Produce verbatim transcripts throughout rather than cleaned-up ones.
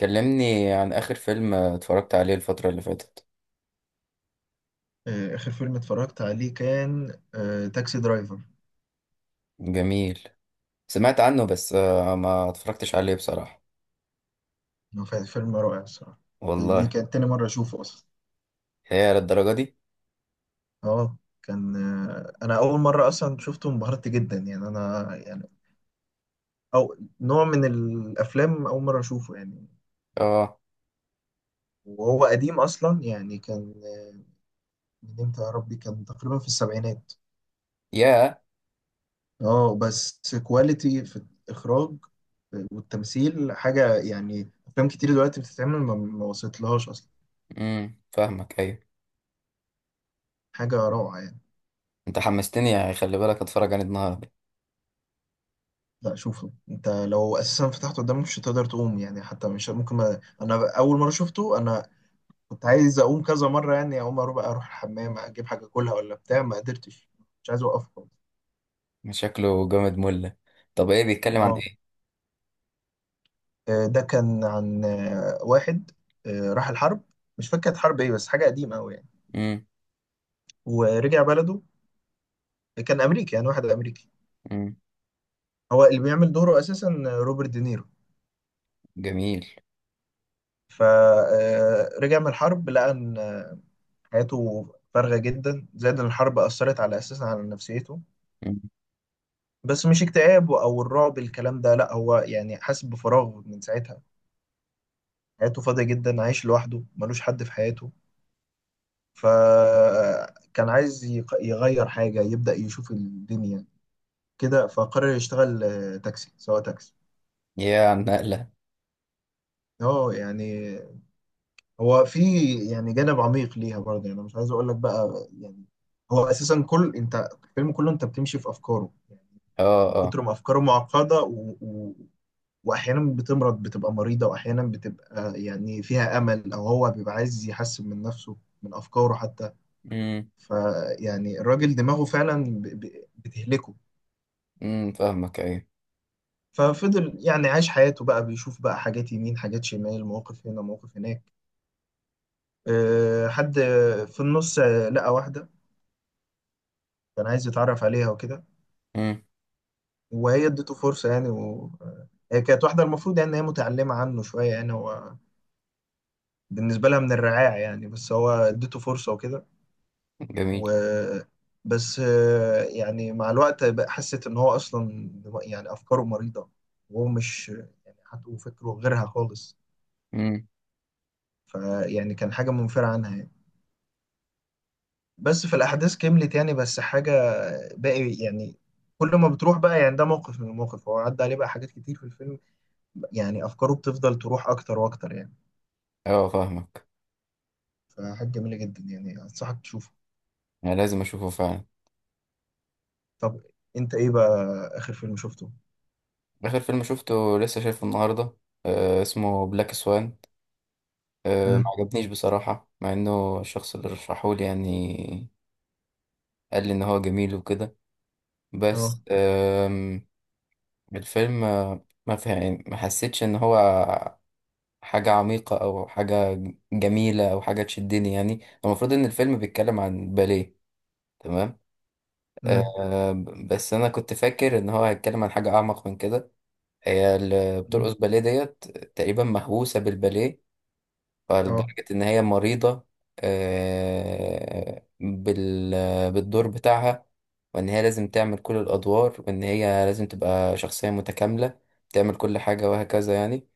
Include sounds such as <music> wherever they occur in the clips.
كلمني عن آخر فيلم اتفرجت عليه الفترة اللي فاتت. آه، آخر فيلم اتفرجت عليه كان آه، تاكسي درايفر. جميل. سمعت عنه بس آه، ما اتفرجتش عليه بصراحة. هو كان فيلم رائع الصراحة. دي والله. كانت تاني مرة أشوفه أصلا. هي للدرجة دي؟ اه. كان آه، أنا أول مرة أصلا شفته انبهرت جدا يعني أنا يعني أو نوع من الأفلام أول مرة أشوفه يعني. اه. وهو قديم أصلا يعني كان آه، من إمتى يا ربي، كان تقريبا في السبعينات. يا، اه بس كواليتي في الإخراج والتمثيل حاجة، يعني أفلام كتير دلوقتي بتتعمل ما ما وصلتلهاش أصلا. امم فاهمك، ايوه. حاجة روعة. انت حمستني يعني، خلي بالك اتفرج عليه النهاردة. لا، شوفه انت، لو اساسا فتحته قدامك مش هتقدر تقوم يعني، حتى مش ممكن ما... انا اول مره شفته انا كنت عايز اقوم كذا مره يعني، اقوم اروح بقى اروح الحمام اجيب حاجه كلها ولا بتاع ما قدرتش، مش عايز اوقف خالص. شكله جامد مله. طب ايه بيتكلم عن اه. ايه؟ آه، ده كان عن آه، واحد آه، راح الحرب، مش فاكر كانت حرب ايه بس حاجه قديمه قوي يعني. امم. ورجع بلده، كان امريكي يعني واحد امريكي. امم. هو اللي بيعمل دوره اساسا آه، روبرت دينيرو. جميل. فرجع من الحرب لقى ان حياته فارغة جدا، زائد إن الحرب أثرت على أساسا على نفسيته. امم. بس مش اكتئاب أو الرعب الكلام ده لأ، هو يعني حاسس بفراغ من ساعتها. حياته فاضية جدا، عايش لوحده، ملوش حد في حياته. فكان عايز يق- يغير حاجة، يبدأ يشوف الدنيا كده. فقرر يشتغل آه، تاكسي، سواق تاكسي. يا عن نقلة. اه يعني هو في يعني جانب عميق ليها برضه يعني. أنا مش عايز اقول لك بقى يعني. هو اساسا كل انت، الفيلم كله انت بتمشي في افكاره، اه، من اه. كتر ما افكاره معقده و... و... واحيانا بتمرض، بتبقى مريضه، واحيانا بتبقى يعني فيها امل او هو بيبقى عايز يحسن من نفسه، من افكاره حتى. امم، فيعني الراجل دماغه فعلا ب... ب... بتهلكه. امم، فاهمك، ايوه. ففضل يعني عايش حياته بقى، بيشوف بقى حاجات يمين، حاجات شمال، مواقف هنا، مواقف هناك. أه، حد في النص آه، لقى واحده، كان عايز يتعرف عليها وكده. امم. وهي ادته فرصه يعني و... آه، هي كانت واحده المفروض يعني ان هي متعلمه عنه شويه يعني، هو بالنسبة لها من الرعاع يعني بس هو اديته فرصة وكده. و جميل. بس آه، يعني مع الوقت بقى حست ان هو اصلا دم- يعني افكاره مريضة، وهو مش يعني حتى فكره غيرها خالص. امم. فيعني كان حاجة منفرة عنها يعني. بس في الاحداث كملت يعني، بس حاجة باقي يعني، كل ما بتروح بقى يعني ده موقف من المواقف هو عدى عليه بقى، حاجات كتير في الفيلم، يعني افكاره بتفضل تروح اكتر واكتر يعني. اه، فاهمك. فحاجة جميلة جدا يعني، انصحك تشوفه. انا لازم اشوفه فعلا. طب انت ايه بقى اخر فيلم شفته؟ آخر فيلم شفته لسه شايفه النهاردة. آه، اسمه بلاك سوان. آه، ما مم. عجبنيش بصراحة، مع إنه الشخص اللي رشحهولي يعني قال لي إن هو جميل وكده. اه. بس آم، الفيلم آه، ما فهم ما حسيتش إن هو حاجة عميقة أو حاجة جميلة أو حاجة تشدني يعني. المفروض إن الفيلم بيتكلم عن باليه. تمام. مم. آه بس أنا كنت فاكر إن هو هيتكلم عن حاجة أعمق من كده. هي اللي مم. بترقص باليه ديت، تقريبا مهووسة بالباليه اه. فلدرجة إن هي مريضة آه، بال بالدور بتاعها، وإن هي لازم تعمل كل الأدوار وإن هي لازم تبقى شخصية متكاملة، تعمل كل حاجة وهكذا يعني.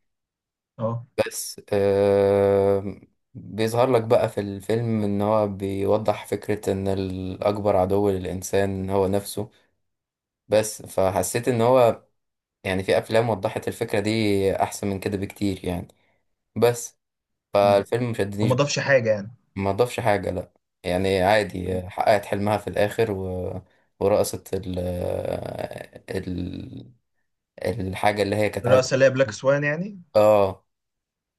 اه. بس آه، بيظهر لك بقى في الفيلم إن هو بيوضح فكرة إن الأكبر عدو للإنسان هو نفسه. بس فحسيت إن هو يعني، في أفلام وضحت الفكرة دي أحسن من كده بكتير يعني. بس مم. فالفيلم وما مشدنيش. ضافش حاجة يعني. ما ضافش حاجة، لا. يعني مم. عادي، حققت حلمها في الآخر، و... ورقصت ال... ال... الحاجة اللي هي كانت عايزة الرأس اللي هي بلاك ترقصها. سوان يعني. اه.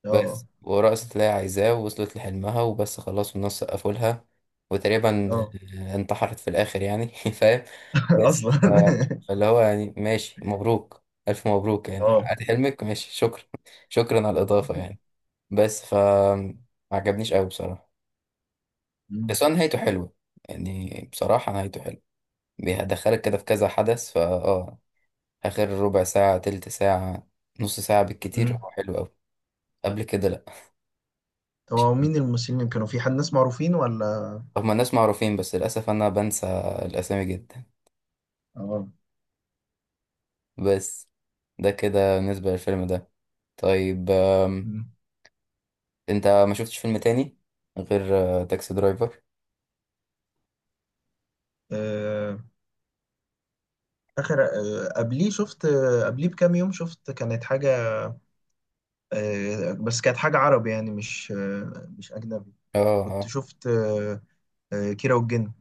اه. بس ورقصت اللي هي عايزاه، ووصلت لحلمها، وبس خلاص، والناس سقفوا لها. وتقريبا اه. انتحرت في الآخر يعني. <laughs> فاهم؟ <laughs> بس اصلا ف... <laughs> فاللي هو يعني، ماشي، مبروك، ألف مبروك، يعني اه. حققت حلمك، ماشي، شكرا. <laughs> شكرا على الإضافة يعني. بس ف ما عجبنيش قوي بصراحة. مم. بس هو نهايته حلوة، يعني بصراحة نهايته حلوة. بيدخلك كده في كذا حدث، فا اه آخر ربع ساعة، تلت ساعة، نص ساعة بالكتير مم. هو حلو أوي. قبل كده، لأ. طب هو مين الممثلين اللي كانوا، في حد ناس معروفين ولا؟ هما الناس معروفين، بس للأسف أنا بنسى الأسامي جدا. اه. بس ده كده بالنسبة للفيلم ده. طيب، آم، مم. أنت ما شفتش فيلم تاني غير آه، تاكسي درايفر؟ آه، اخر آه، قبليه شفت آه، قبليه بكام يوم شفت كانت حاجة آه، بس كانت حاجة عربي يعني مش آه، مش أجنبي. اه، كنت اه. شفت آه، آه، كيرة والجن.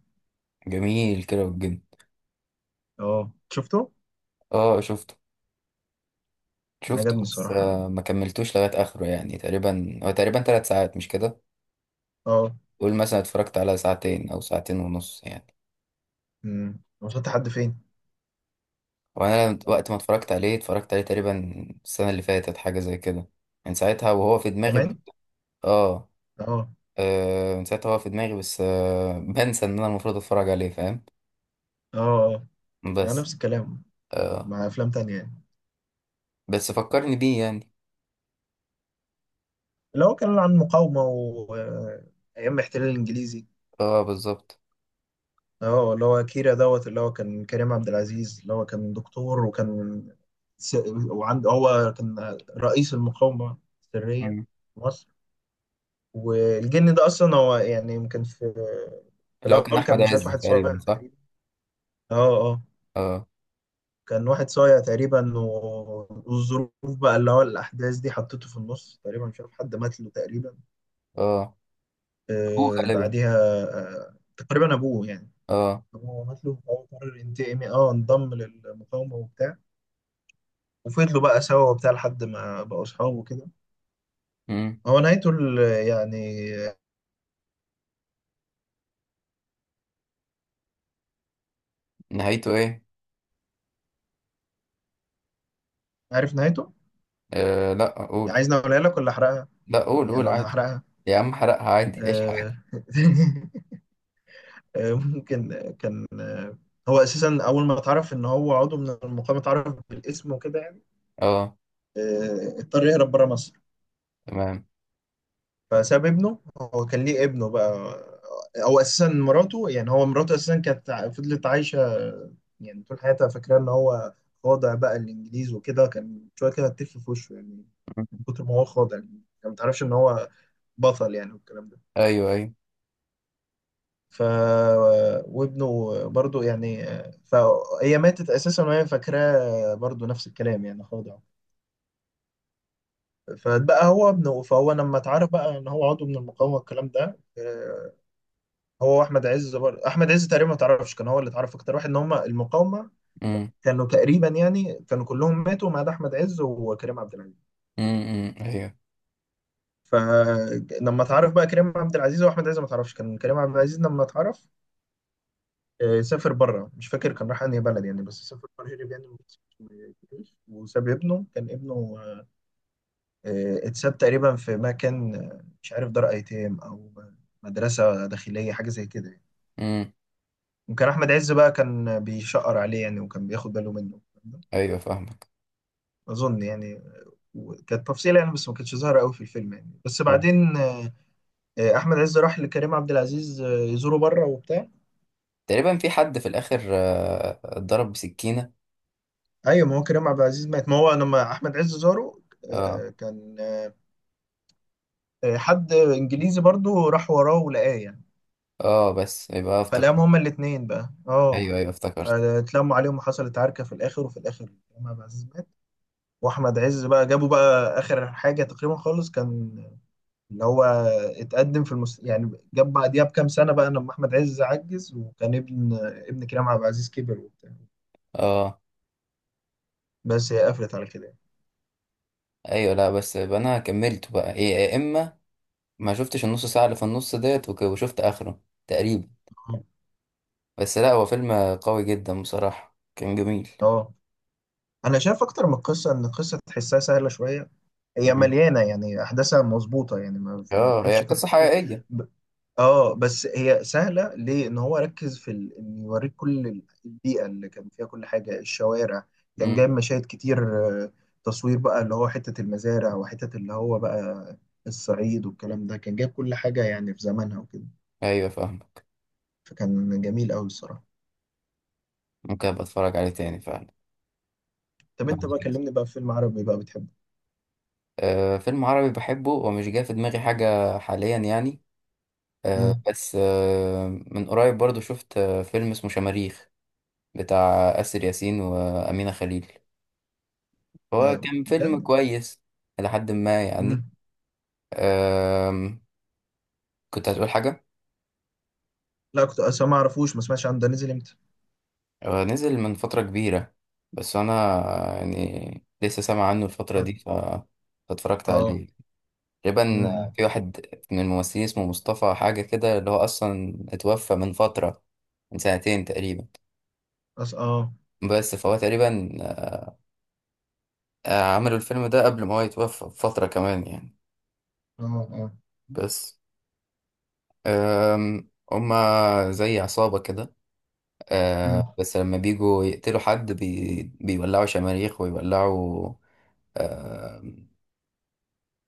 جميل، كده والجن. اه، شفته، اه شفته. شفته عجبني بس الصراحة. آه، ما كملتوش لغاية آخره يعني. تقريبا هو تقريبا تلات ساعات، مش كده؟ اه. قول مثلا اتفرجت على ساعتين او ساعتين ونص يعني. امم، وصلت لحد فين؟ وانا لما- انا وقت مش ما فاكر. اتفرجت عليه اتفرجت عليه تقريبا السنه اللي فاتت، حاجه زي كده. من ساعتها وهو في دماغي ب- كمان؟ اه. اه. آه، من ساعتها هو في دماغي، بس آه <laughs> بنسى ان انا المفروض اتفرج عليه، فاهم؟ اه. اه. مع بس نفس الكلام، آه مع افلام تانية يعني. بس فكرني بيه يعني. اللي هو كان عن مقاومة و آه، ايام الاحتلال الانجليزي. اه، بالظبط. اه، اللي هو كيرا دوت اللي هو كان كريم عبد العزيز، اللي هو كان دكتور وكان س... وعنده، هو كان رئيس المقاومة السرية مم. في مصر. والجن ده اصلا هو يعني يمكن في، في اللي هو كان الاول احمد كان مش عارف، عز واحد صغير تقريبا، صح؟ تقريبا. اه. اه. اه، كان واحد صايع تقريبا و- والظروف بقى اللي هو الأحداث دي حطته في النص تقريبا، مش عارف حد مات له تقريبا. اه. ابوه آه غالبا. بعديها، آه تقريبا أبوه يعني. اه. أبوه مات له فهو قرر ينتقم، اه انضم للمقاومة وبتاع، وفضلوا بقى سوا وبتاع لحد ما بقوا أصحاب وكده. مم. هو نهايته ال- يعني، نهايته ايه؟ عارف نهايته؟ آه لا قول. عايزني أقولها لك ولا أحرقها؟ لا، قول يعني قول ولا عادي. هحرقها؟ يا عم حرقها عادي، ايش حرقها. آه <laughs> آه، ممكن آه، كان آه، هو أساسا أول ما اتعرف إن هو عضو من المقاومة، اتعرف بالاسم وكده يعني. اه. آه، اضطر يهرب بره مصر. تمام. فساب ابنه، هو كان ليه ابنه بقى، او اساسا مراته يعني. هو مراته اساسا كانت ع- فضلت عايشه يعني طول حياتها فاكره ان هو خاضع بقى الانجليز وكده، كان شويه كده هتف في وشه يعني من كتر ما هو خاضع، يعني ما تعرفش ان هو بطل يعني والكلام ده. ايوه، ايوه. ف وابنه برضو يعني. فهي ماتت اساسا وهي فاكراه برضو نفس الكلام يعني خاضع. فبقى هو ابنه، فهو لما اتعرف بقى ان هو عضو من المقاومه والكلام ده آه، هو احمد عز برضه. احمد عز تقريبا ما تعرفش كان هو اللي اتعرف اكتر واحد ان هم المقاومه. امم. كانوا تقريبا يعني كانوا كلهم ماتوا ما عدا احمد عز وكريم عبد العزيز. امم، إمم. ايوه. فلما اتعرف بقى كريم عبد العزيز واحمد عز، ما تعرفش كان كريم عبد العزيز لما اتعرف آه، سافر بره، مش فاكر كان راح انهي بلد يعني، بس سافر بره، هرب يعني من مصر وما جاش. وساب ابنه، كان ابنه آه، اتساب تقريبا في مكان آه، مش عارف، دار ايتام او مدرسه داخليه حاجه زي كده يعني. امم. وكان احمد عز بقى كان بيشقر عليه يعني، وكان بياخد باله منه ايوه فاهمك. اظن يعني. كانت تفصيلة يعني بس ما كانتش ظاهرة قوي في الفيلم يعني، بس آه. بعدين آه، آه، احمد عز راح لكريم عبد العزيز آه، يزوره بره وبتاع. تقريبا في حد في الاخر آه، اتضرب بسكينه. ايوه، ما هو كريم عبد العزيز مات ما هو لما احمد عز زاره اه، آه، كان آه، حد انجليزي برضو راح وراه ولقاه يعني. اه. بس يبقى فلقاهم افتكرت. هما الاتنين بقى اه، ايوه، ايوه افتكرت. اتلموا عليهم، وحصلت عركة في الآخر، وفي الآخر كريم عبد العزيز مات، وأحمد عز بقى جابوا بقى آخر حاجة تقريبا خالص، كان اللي هو اتقدم في المس... يعني جاب بعديها بكام سنة بقى لما أحمد عز عجز، وكان ابن ابن كريم عبد العزيز كبر وبتاع. اه. بس هي قفلت على كده يعني. ايوه. لا بس يبقى انا كملت بقى إيه، يا اما ما شفتش النص ساعه اللي في النص ديت، وك- وشفت اخره تقريبا. بس لا هو فيلم قوي جدا بصراحه، كان جميل. اه. أنا شايف أكتر من قصة، إن القصة تحسها سهلة شوية، هي مم. مليانة يعني، أحداثها مظبوطة يعني، ما, ما اه هي تعبش فيها قصه حاجة. حقيقيه. اه، بس هي سهله ليه، ان هو ركز في ال... ان يوريك كل ال- البيئه اللي كان فيها، كل حاجه، الشوارع، كان امم. جايب مشاهد كتير. آه، تصوير بقى اللي هو حته المزارع وحته اللي هو بقى الصعيد والكلام ده، كان جايب كل حاجه يعني في زمانها وكده. ايوه فاهمك. فكان جميل قوي الصراحه. ممكن ابقى اتفرج عليه تاني فعلا طب انت بعد بقى كده. كلمني بقى في فيلم عربي بقى بتحبه. آه، فيلم عربي بحبه ومش جاي في دماغي حاجة حاليا يعني. آه، امم. بس آه، من قريب برضو شفت آه، فيلم اسمه شماريخ بتاع آسر ياسين وأمينة خليل. هو لا كان فيلم بجد. كويس إلى حد ما يعني. امم. آم، كنت هتقول حاجة. لا كنت اصلا ما اعرفوش، ما سمعتش عنه، ده نزل امتى؟ هو نزل من فترة كبيرة، بس أنا يعني لسه سامع عنه الفترة دي ف- فاتفرجت اه. عليه. تقريبا امم. في واحد من الممثلين اسمه مصطفى حاجة كده اللي هو أصلا اتوفى من فترة، من سنتين تقريبا. أص... اه. بس فهو تقريبا آه، عملوا الفيلم ده قبل ما هو يتوفى بفترة كمان يعني. اه. اه. بس آم، هما زي عصابة كده. آه، امم. بس لما بيجوا يقتلوا حد بي بيولعوا شماريخ ويولعوا، آم،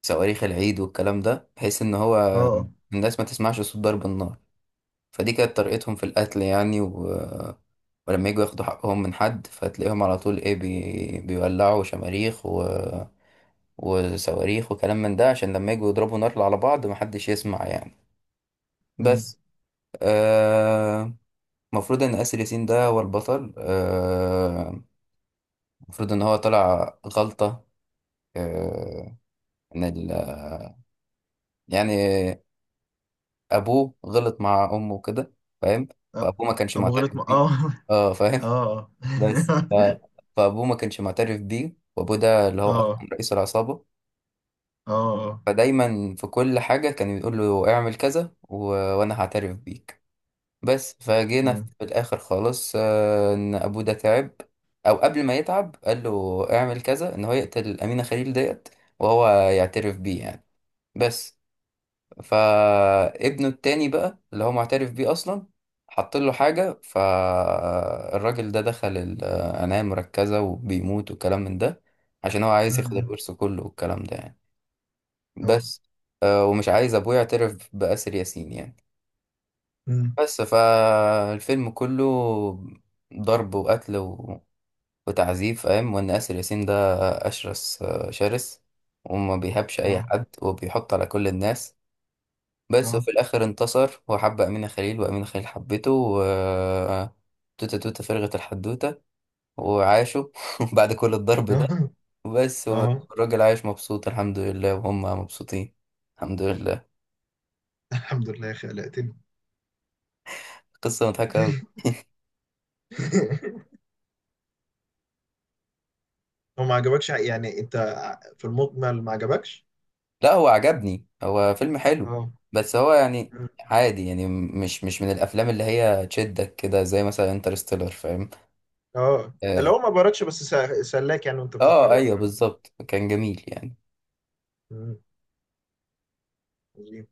صواريخ العيد والكلام ده بحيث إن هو اه. آه. الناس ما تسمعش صوت ضرب النار. فدي كانت طريقتهم في القتل يعني، و... ولما يجوا ياخدوا حقهم من حد فتلاقيهم على طول ايه بي... بيولعوا شماريخ و... وصواريخ وكلام من ده عشان لما يجوا يضربوا نار على بعض محدش يسمع يعني. مم. بس آه، المفروض ان آسر ياسين ده هو البطل، آه، المفروض ان هو طلع غلطة. آه، ان ال... يعني ابوه غلط مع امه كده، فاهم؟ أ- فابوه ما كانش ابو معترف غلط م... بيه. اه. اه، <laughs> فاهم. اه بس <laughs> ف... فابوه ما كانش معترف بيه، وابوه ده اللي هو اه. اصلا اه. رئيس العصابه. اه. فدايما في كل حاجه كان يقول له اعمل كذا، و... وانا هعترف بيك. بس فجينا في أمم. الاخر خالص، آه، ان ابوه ده تعب، او قبل ما يتعب قال له اعمل كذا، ان هو يقتل امينه خليل ديت، وهو يعترف بيه يعني. بس فابنه التاني بقى اللي هو معترف بيه اصلا حط له حاجه، فالراجل ده دخل العنايه المركزه وبيموت والكلام من ده، عشان هو عايز ياخد الورث كله والكلام ده يعني. اه. اه. بس آه، ومش عايز ابوه يعترف باسر ياسين يعني. أمم. بس فالفيلم كله ضرب وقتل و... وتعذيب، فاهم؟ وان اسر ياسين ده اشرس آه، شرس، وما بيهابش اي اه. حد وبيحط على كل الناس. بس اه. وفي الآخر انتصر، وحب أمينة خليل وأمينة خليل حبته، و توتة توتة فرغت الحدوتة، وعاشوا. <laughs> بعد كل الضرب ده. اه. <laughs> بس اه. والراجل عايش مبسوط الحمد لله، وهم مبسوطين. الحمد لله. الحمد لله خلقتني. قصة مضحكة أوي. <laughs> هو ما عجبكش يعني انت، في المجمل ما عجبكش؟ لا هو عجبني، هو فيلم حلو، اه. بس هو يعني عادي يعني مش مش من الأفلام اللي هي تشدك كده زي مثلا انترستيلر، فاهم؟ اه. اللي اه. هو ما باركش بس سا- سلاك يعني وانت آه، بتتفرج ايوه الكلام ده. بالظبط، كان جميل يعني. أمم.